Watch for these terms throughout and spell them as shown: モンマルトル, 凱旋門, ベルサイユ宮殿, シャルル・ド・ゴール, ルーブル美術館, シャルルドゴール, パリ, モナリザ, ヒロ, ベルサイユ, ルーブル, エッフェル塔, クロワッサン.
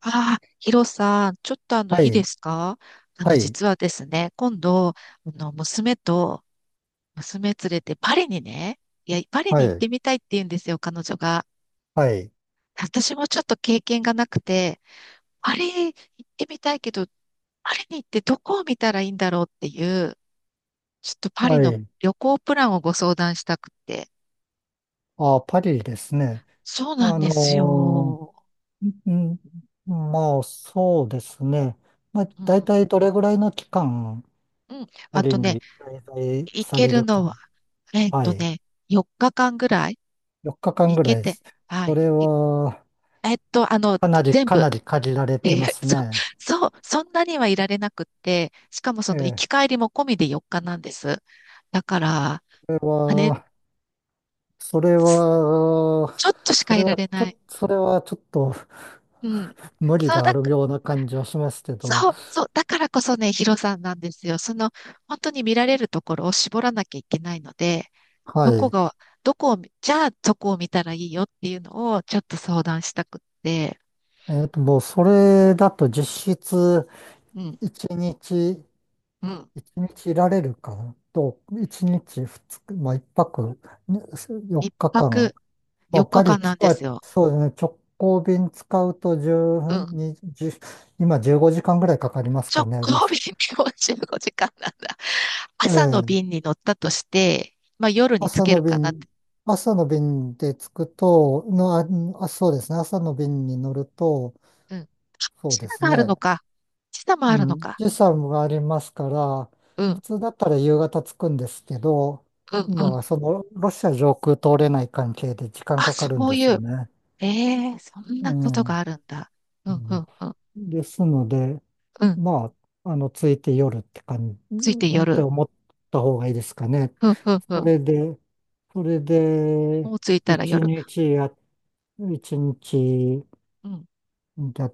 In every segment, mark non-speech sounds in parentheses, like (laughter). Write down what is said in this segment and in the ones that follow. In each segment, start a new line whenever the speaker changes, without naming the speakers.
ああ、ヒロさん、ちょっと
は
いいで
い、
すか？
はい、
実はですね、今度、娘と、娘連れてパリにね、いや、パリ
は
に行っ
い、
てみたいって言うんですよ、彼女が。
はい、
私もちょっと経験がなくて、パリ行ってみたいけど、パリに行ってどこを見たらいいんだろうっていう、ちょっとパリ
は
の
い。
旅行プランをご相談したくて。
あ、パリですね。
そうなん
あ
です
の
よ。
ー、ん、まあ、そうですね。まあ、
うん、
大体どれぐらいの期間、
うん。
パ
あ
リ
とね、
に滞在
行
さ
け
れ
る
る
のは、
か。
えっ
は
と
い。
ね、4日間ぐらい。
4日間
い
ぐら
け
いで
て、
す。
は
そ
い。
れは、
えっと、あの、
かなり、
全
か
部。
なり限られて
え
ま
ー (laughs)
す
そ、
ね。
そう、そんなにはいられなくって、しかもそ
え
の行き
え、
帰りも込みで4日なんです。だから、
それ
あれ、
は、それ
す
は、
ちょっとし
そ
か
れ
いら
は、
れ
ちょっ
ない。
と、それはちょっと
うん。
無理
そう
があ
だ
る
か、
ような感じはしますけど、
そう、そう、だからこそね、ヒロさんなんですよ。その、本当に見られるところを絞らなきゃいけないので、
は
どこ
い。
が、どこを見、じゃあどこを見たらいいよっていうのをちょっと相談したくって、
もうそれだと実質
うん、
1日、
うん。
一日いられるかなと、1泊ね
一
4日
泊
間。まあ
4
パ
日
リ
間
来
なんで
た、
すよ。
そうですね。直行便使うと12
うん。
時、じゅ今15時間ぐらいかかりますか
直
ね。ロ
行
ス
便45時間なんだ。
え
朝の
え、
便に乗ったとして、まあ夜につ
朝
け
の
るかなって。
便、朝の便で着くと、の、あ、あそうですね、朝の便に乗ると、
うん。あ、
そ
時
うです
差があるの
ね。
か。時差もあ
う
るの
ん、
か。
時差もありますから、
う
普
ん、
通だったら夕方着くんですけど、
うん、
今
うん。
はそのロシア上空通れない関係で時間
あ、
かか
そ
るん
う
です
い
よ
う。
ね。
ええ、そん
う
なこと
ん。
があるんだ。う
う
ん、う
ん
ん、うん。
ですので、
うん。
まあ、着いて夜って感じ、
ついて
って
夜。
思った方がいいですかね。
うん、うん、う
そ
ん。
れで、それで、
もう着いたら
一
夜。
日や、一日
うん。
や、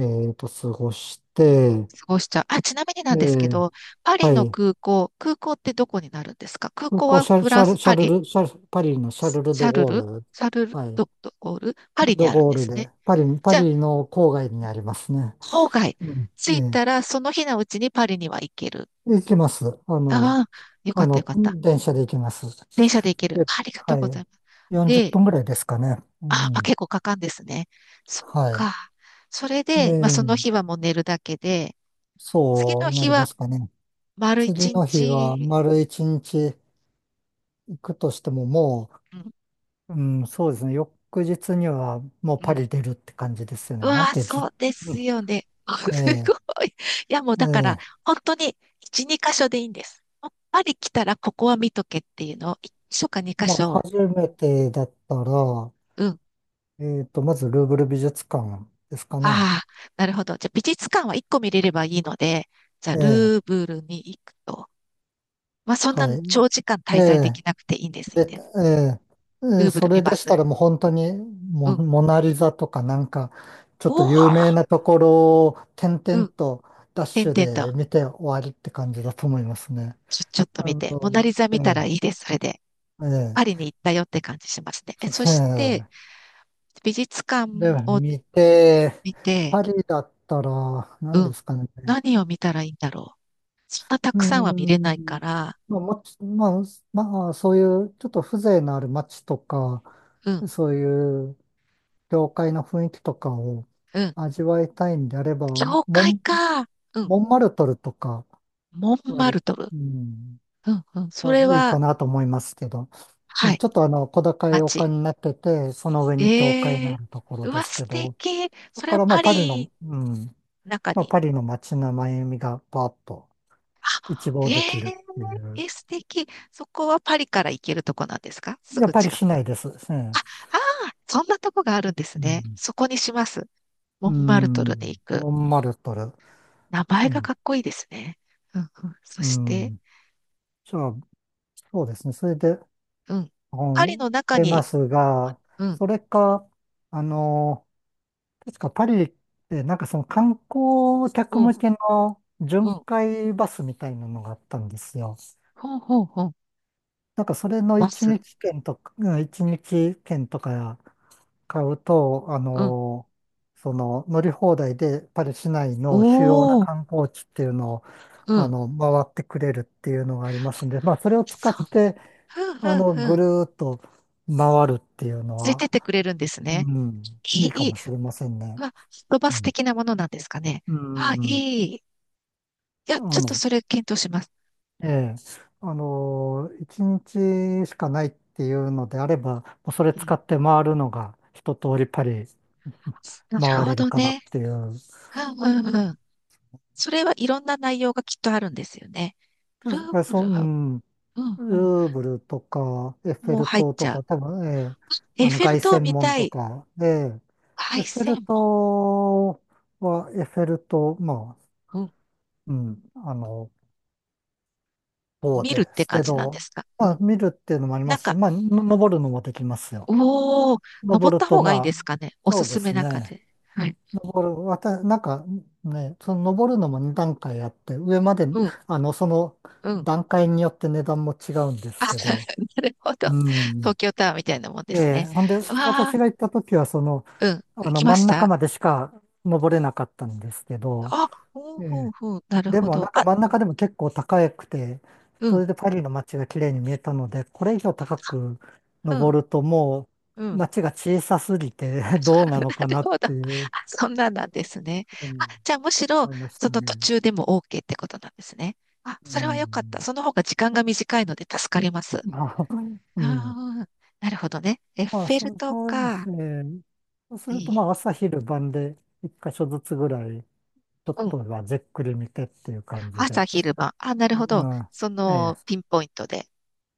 えっと、過ごして、
過ごしちゃう。あ、ちなみにな
え
んですけ
ー
ど、パリ
は
の
い。
空港、空港ってどこになるんですか？空
空
港
港
は
シャル、
フ
シ
ラン
ャ
ス、
ル、シ
パ
ャル
リ、
ル、シャル、パリのシャ
シ
ルル・ド・
ャル
ゴ
ル、
ール、
シャルル
はい。
ドゴール、パリに
ド・
あるん
ゴー
で
ル
すね。
で、パリ、パ
じゃあ、
リの郊外にありますね。
郊外、
うんえ
着い
え、
たらその日のうちにパリには行ける。
行きます。
ああ、よか
あ
った、よ
の、
かった。
電車で行きます。
電車で行ける。
で、
ありがとう
はい。
ございます。
40
で、
分ぐらいですかね。う
あ、まあ、
ん。
結構かかんですね。そっ
はい。
か。それ
え
で、まあ、その日
え、
はもう寝るだけで、次
そ
の
うな
日
りま
は
すかね。
丸
次
一
の日は
日、
丸一日行くとしても
う
そうですね。翌日にはもうパ
ん、
リ出るって感じですよね。
う
なん
わー、
てず、
そうです
(laughs)
よね。(laughs)
え
すご
え、
い。いや、もう
え
だから、
え。
本当に1、2箇所でいいんです。やっぱり来たらここは見とけっていうのを、1箇所か2箇
まあ、
所、
初めてだったら、
うん。
まずルーブル美術館ですかね。
ああ、なるほど。じゃあ、美術館は1個見れればいいので、じゃあ、
ええ、
ルーブルに行くと。まあ、そんな
はい。
長時間
え
滞在で
え、
きなくていいんです、いいん
で、
です。
ええ、
ルーブ
そ
ル見
れ
ま
でし
す。
たらもう本当に
うん。
モナリザとかなんか、ちょ
お
っと
お、
有名なところを点
う
々
ん。
とダッ
て
シ
ん
ュ
てんと、
で見て終わりって感じだと思いますね。
ちょっと
あ
見て。モナリ
の、
ザ
え
見た
え、
らいいです、それで。
え
パリ
え、
に行ったよって感じしますね。そして、
ええ
美術館
で、
を
見て、
見て、
パリだったら、
う
何で
ん、
すかね。
何を見たらいいんだろう。そんなた
うー
くさんは見れないか
ん。
ら、
まあ、もち、まあ、まあ、そういうちょっと風情のある街とか、
うん、
そういう教会の雰囲気とかを
うん、
味わいたいんであれば、
教会
ン、
か、うん、
モンマルトルとか、
モンマ
割、
ルトル。
うん、
うん、うん、そ
は
れ
いい
は、
かなと思いますけど、う
は
ん
い、
ちょっと小高い丘
街。
になってて、その上に教会
え
のあ
え、
るところ
う
で
わ、
す
素
けど、
敵。
だ
それ
か
は
らまあ、
パ
パリ
リ
の、うん、
の中
まあ、
に。
パリの街の繭みがパーッと一
あ、え
望でき
え
るっていう。
え、素敵。そこはパリから行けるとこなんですか？す
やっ
ぐ
ぱり
近く。
しないです。う
あ、
ん
ああ、そんなとこがあるんです
う
ね。
ん。
そこにします。モ
う
ンマルトルに
ん。
行く。
モンマルトル。
名
う
前が
ん。
かっこいいですね。うん、うん、そ
う
して、
ん。じゃあ、そうですね。それで、
うん。
う
パリ
ん、
の中
出ま
に、
すが、
うん、
それか、あの、確かパリってなんかその観光
う
客
ん、
向けの
う
巡
ん、
回バスみたいなのがあったんですよ。
ほんほんほん、
なんかそれの
バス、
一日券とか買うと、
うん、
その乗り放題でパリ市内の主要な
おー、
観光地っていうのを、
うん、
回ってくれるっていうのがありますんで、まあ、それを使っ
そう、
て、
ふんふんふ
ぐ
ん、
るーっと回るっていうの
ついてっ
は、
てくれるんです
う
ね。い
いい
い、
か
いい。
もしれませんね。
まあ、すっとバ
う
ス
ん。
的なものなんですかね。
う
あ、
んう
い
んうん。
い。いや、ち
あ
ょっと
の、
それ検討します。
ええ、一日しかないっていうのであれば、もうそれ
う
使
ん。
って回るのが一通りパリ
なる
回
ほ
れる
ど
かなっ
ね。
ていう。
うん、うん、うん。それはいろんな内容がきっとあるんですよね。ループ
そう。
ル
う
は、
ん
うん、
ル
うん。
ーブルとか、エッフェ
もう
ル
入っ
塔
ち
と
ゃう。
か、多分、ええ、
エッフェ
凱
ル塔
旋
見
門
た
と
い。
か、ええ、エ
凱
ッフェル
旋
塔エッフェル塔、まあ、
門。うん。
うん、あの、塔
見るっ
で
て
す
感
け
じなんで
ど、
すか？う
まあ、
ん。
見るっていうのもあり
な
ま
ん
すし、
か、
まあ、登るのもできますよ。
おー、登っ
登る
た
と、
方がいいで
まあ、
すかね？お
そ
す
うで
すめ
す
な感
ね。
じ。はい。
登る、わた、なんか、ね、その登るのも2段階あって、上まで、
うん、
その
うん。
段階によって値段も違うんで
あ、
すけど、
(laughs) なるほど。
うん。
東京タワーみたいなもんです
ええ、
ね。
ほんで、
うわあ、
私が行った時は、
うん。行きま
真
し
ん中
た
までしか登れなかったんですけど、
あ、うん、
え
う
え、
ん、うん。なる
で
ほ
も、な
ど。
んか
あ、
真ん中でも結構高くて、
う
それ
ん、
でパリの街が綺麗に見えたので、これ以上高く
うん、
登るとも
う
う
ん。
街が小さすぎて (laughs) どう
(laughs)
な
な
のか
る
なっ
ほど。あ、
ていう
そんなんなんですね。
ふう
あ、
に
じゃあむしろ、
思いまし
そ
た
の途
ね。
中でも OK ってことなんですね。あ、
う
それは良かった。
ん。
その方が時間が短いので助かります。
まあ。うん。
あー、なるほどね。エッ
まあ、
フェル塔
そうで
か。
すね。そうす
い
ると、ま
い。
あ、朝昼晩で一箇所ずつぐらいちょっ
うん。
とはじっくり見てっていう感じで。
朝昼晩。あ、なるほ
う
ど。
ん、
そ
ええ、
のピンポイントで。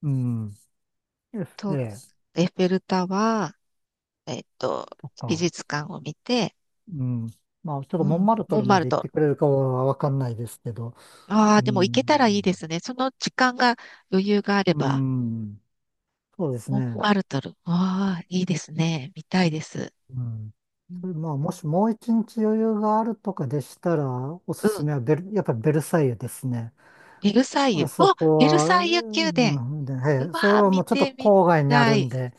うん、え
と、
え、
エッフェル塔は、えっと、
と
美
か、
術館を見て、
うん。まあ、ちょっと
う
モン
ん。
マルト
モン
ルま
マル
で行っ
ト。
てくれるかはわかんないですけど、
あ
う
あ、でも行けたらいいで
ん、
すね。その時間が余裕があれ
う
ば。
ん、そうです
モン
ね。
マルトル。わあ、いいですね。見たいです。
うん。
う
そ
ん。
れまあ、もしもう一日余裕があるとかでしたら、お
う
すす
ん、
めはやっぱベルサイユですね。
ベルサイ
あ
ユ。
そ
あ、
こ
ベル
は、
サイユ宮殿。う
え
わ
え、それ
あ、
は
見
もうちょっと
てみ
郊外にあ
た
るん
い。
で、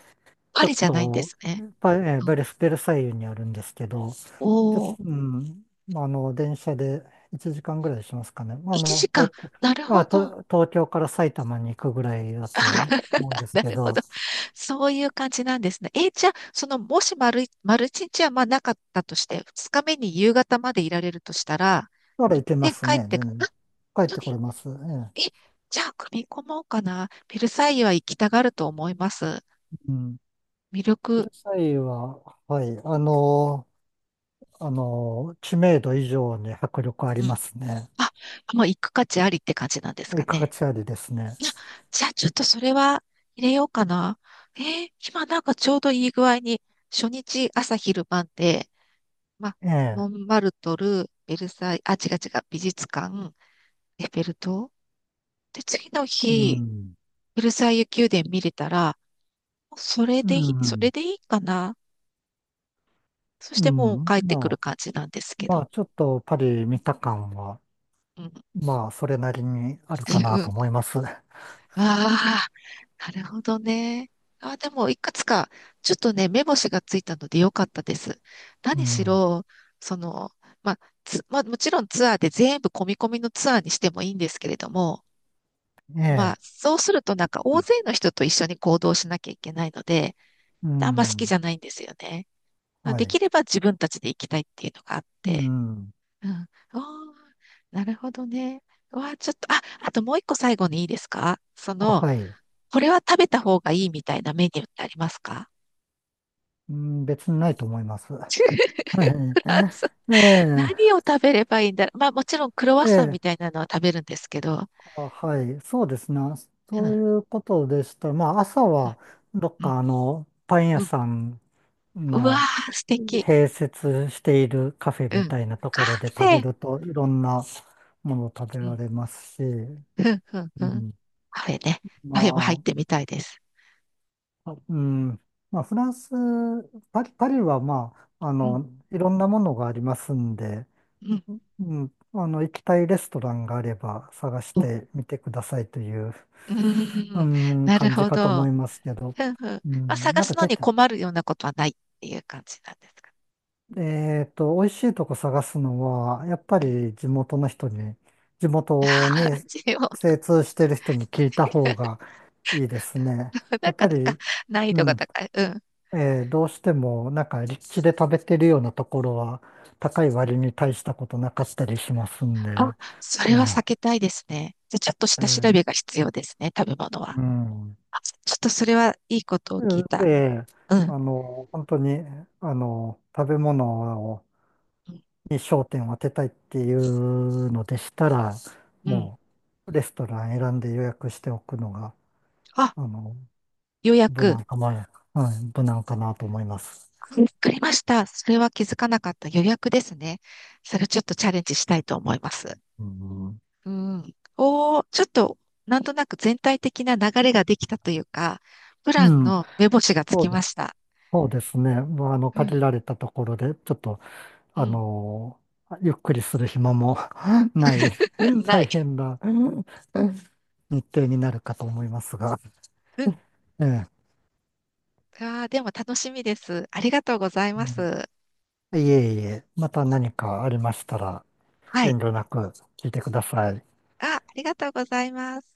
パ
ちょっ
リじゃないんで
と、
すね。
パえー
う
ブ
ん。
レスベルサイユにあるんですけど、ち
お
ょっと、
お、
まあ、電車で1時間ぐらいしますかね。まあ、
1時間。
東京、
なる
まあ、
ほど。
と東京から埼玉に行くぐらいだと思うん
(laughs)
です
な
け
るほ
ど、
ど。そういう感じなんですね。じゃあ、その、もし丸一日はまあなかったとして、二日目に夕方までいられるとしたら、
なら
行
行
っ
けま
て
す
帰っ
ね、
て
全
く、あ、
然。帰
本
っ
当
てこ
に
れます。え
え、
え。
じゃあ、組み込もうかな。ベルサイユは行きたがると思います。
うん。
魅
ベ
力、
ルサイユは、はい、知名度以上に迫力あり
うん。
ますね。
あ、もう行く価値ありって感じなんです
い
か
い価
ね。
値ありですね。
いや、じゃあ、ちょっとそれは入れようかな。今なんかちょうどいい具合に、初日朝昼晩で、ま、
え
モ
え。
ンマルトル、ベルサイユ、あ、違う、違う、美術館、エッフェル塔。で、次の
う
日、
ん。
ベルサイユ宮殿見れたら、もうそれ
う
でいい、それ
ん。
でいいかな。そし
う
てもう
ん。
帰ってくる感じなんですけ
ま
ど。
あ、ちょっとパリ見た感は、
うん、
まあ、それなりにある
う
かなと
ん。
思います。(laughs)
ああ、なるほどね。ああ、でも、いくつか、ちょっとね、目星がついたのでよかったです。
う
何し
ん。
ろ、その、まあ、まあ、もちろんツアーで全部込み込みのツアーにしてもいいんですけれども、
え
まあ、
え。
そうするとなんか大勢の人と一緒に行動しなきゃいけないので、
う
あんま好きじ
ん。
ゃないんですよね。
は
で
い。
きれば自分たちで行きたいっていうのがあっ
う
て。
ん。
うん。おー、なるほどね。わあ、ちょっと、あ、あともう一個最後にいいですか？そ
あ、
の、
はい。
これは食べた方がいいみたいなメニューってありますか？
うん、別にないと思います。はい。
フランス、
え
何を食べればいいんだろう。まあもちろんクロワッ
え。え
サンみ
え。
たいなのは食べるんですけど。
あ、はい。そうですね。
うん、う
そう
ん、
いうことでした。まあ、朝は、どっ
うん、
かパン屋
うん。
さん
うわ
の
ー、素敵。
併設しているカフェ
う
み
ん。
たいなと
カ
ころで
フ
食べ
ェ。
ると、いろんなものを食べ
う
ら
ん、
れますし、
うん、うん、
う
うん。
ん。
カフェね。カ
ま
フェも入ってみたいです。
あ、まあ、フランス、パリ、パリはまあ、
うん、
いろんなものがありますんで、
うん、
うん、行きたいレストランがあれば探し
うん。
てみてくださいという、
う
う
ん、
ん、
なる
感じ
ほ
かと思
ど。
いますけど、
ふんふん。
う
まあ
ん。
探
なんか
すの
て、
に困るようなことはないっていう感じなんですか？
えっと、美味しいとこ探すのは、やっぱ
うん。
り地元
(laughs)
に
味を、
精通してる人に聞いた方がいいですね。
な
やっ
かな
ぱ
か
り。
難易
う
度が
ん。
高い。うん。
どうしてもなんか立地で食べてるようなところは高い割に大したことなかったりしますんで、
あ、それは避
ね。
けたいですね。じゃあ、ちょっと
え
下調
ー
べが必要ですね、食べ物は。
うん。
あ、ちょっとそれはいいことを聞い
う
た。
え
うん。
あの、本当に、食べ物をに焦点を当てたいっていうのでしたら、
うん。
もうレストラン選んで予約しておくのが、
あ、
あの、
予
無
約。
難かな、はい、無難かなと思います。
わかりました。それは気づかなかった予約ですね。それちょっとチャレンジしたいと思います。
うん、
うん。おー、ちょっと、なんとなく全体的な流れができたというか、プラ
う
ン
ん、
の目星がつ
そ
き
うです
ま
ね、
した。
そうですね。まあ、
うん。
限られたところで、ちょっと、
う
あ
ん。
のゆっくりする暇も (laughs) ない
(laughs)
(laughs)
な
大
い。
変な (laughs) 日程になるかと思いますが、
うん。
ええ。
あー、でも楽しみです。ありがとうござい
う
ま
ん
す。
いえいえ、また何かありましたら、
はい。
遠慮なく聞いてください。
あ、ありがとうございます。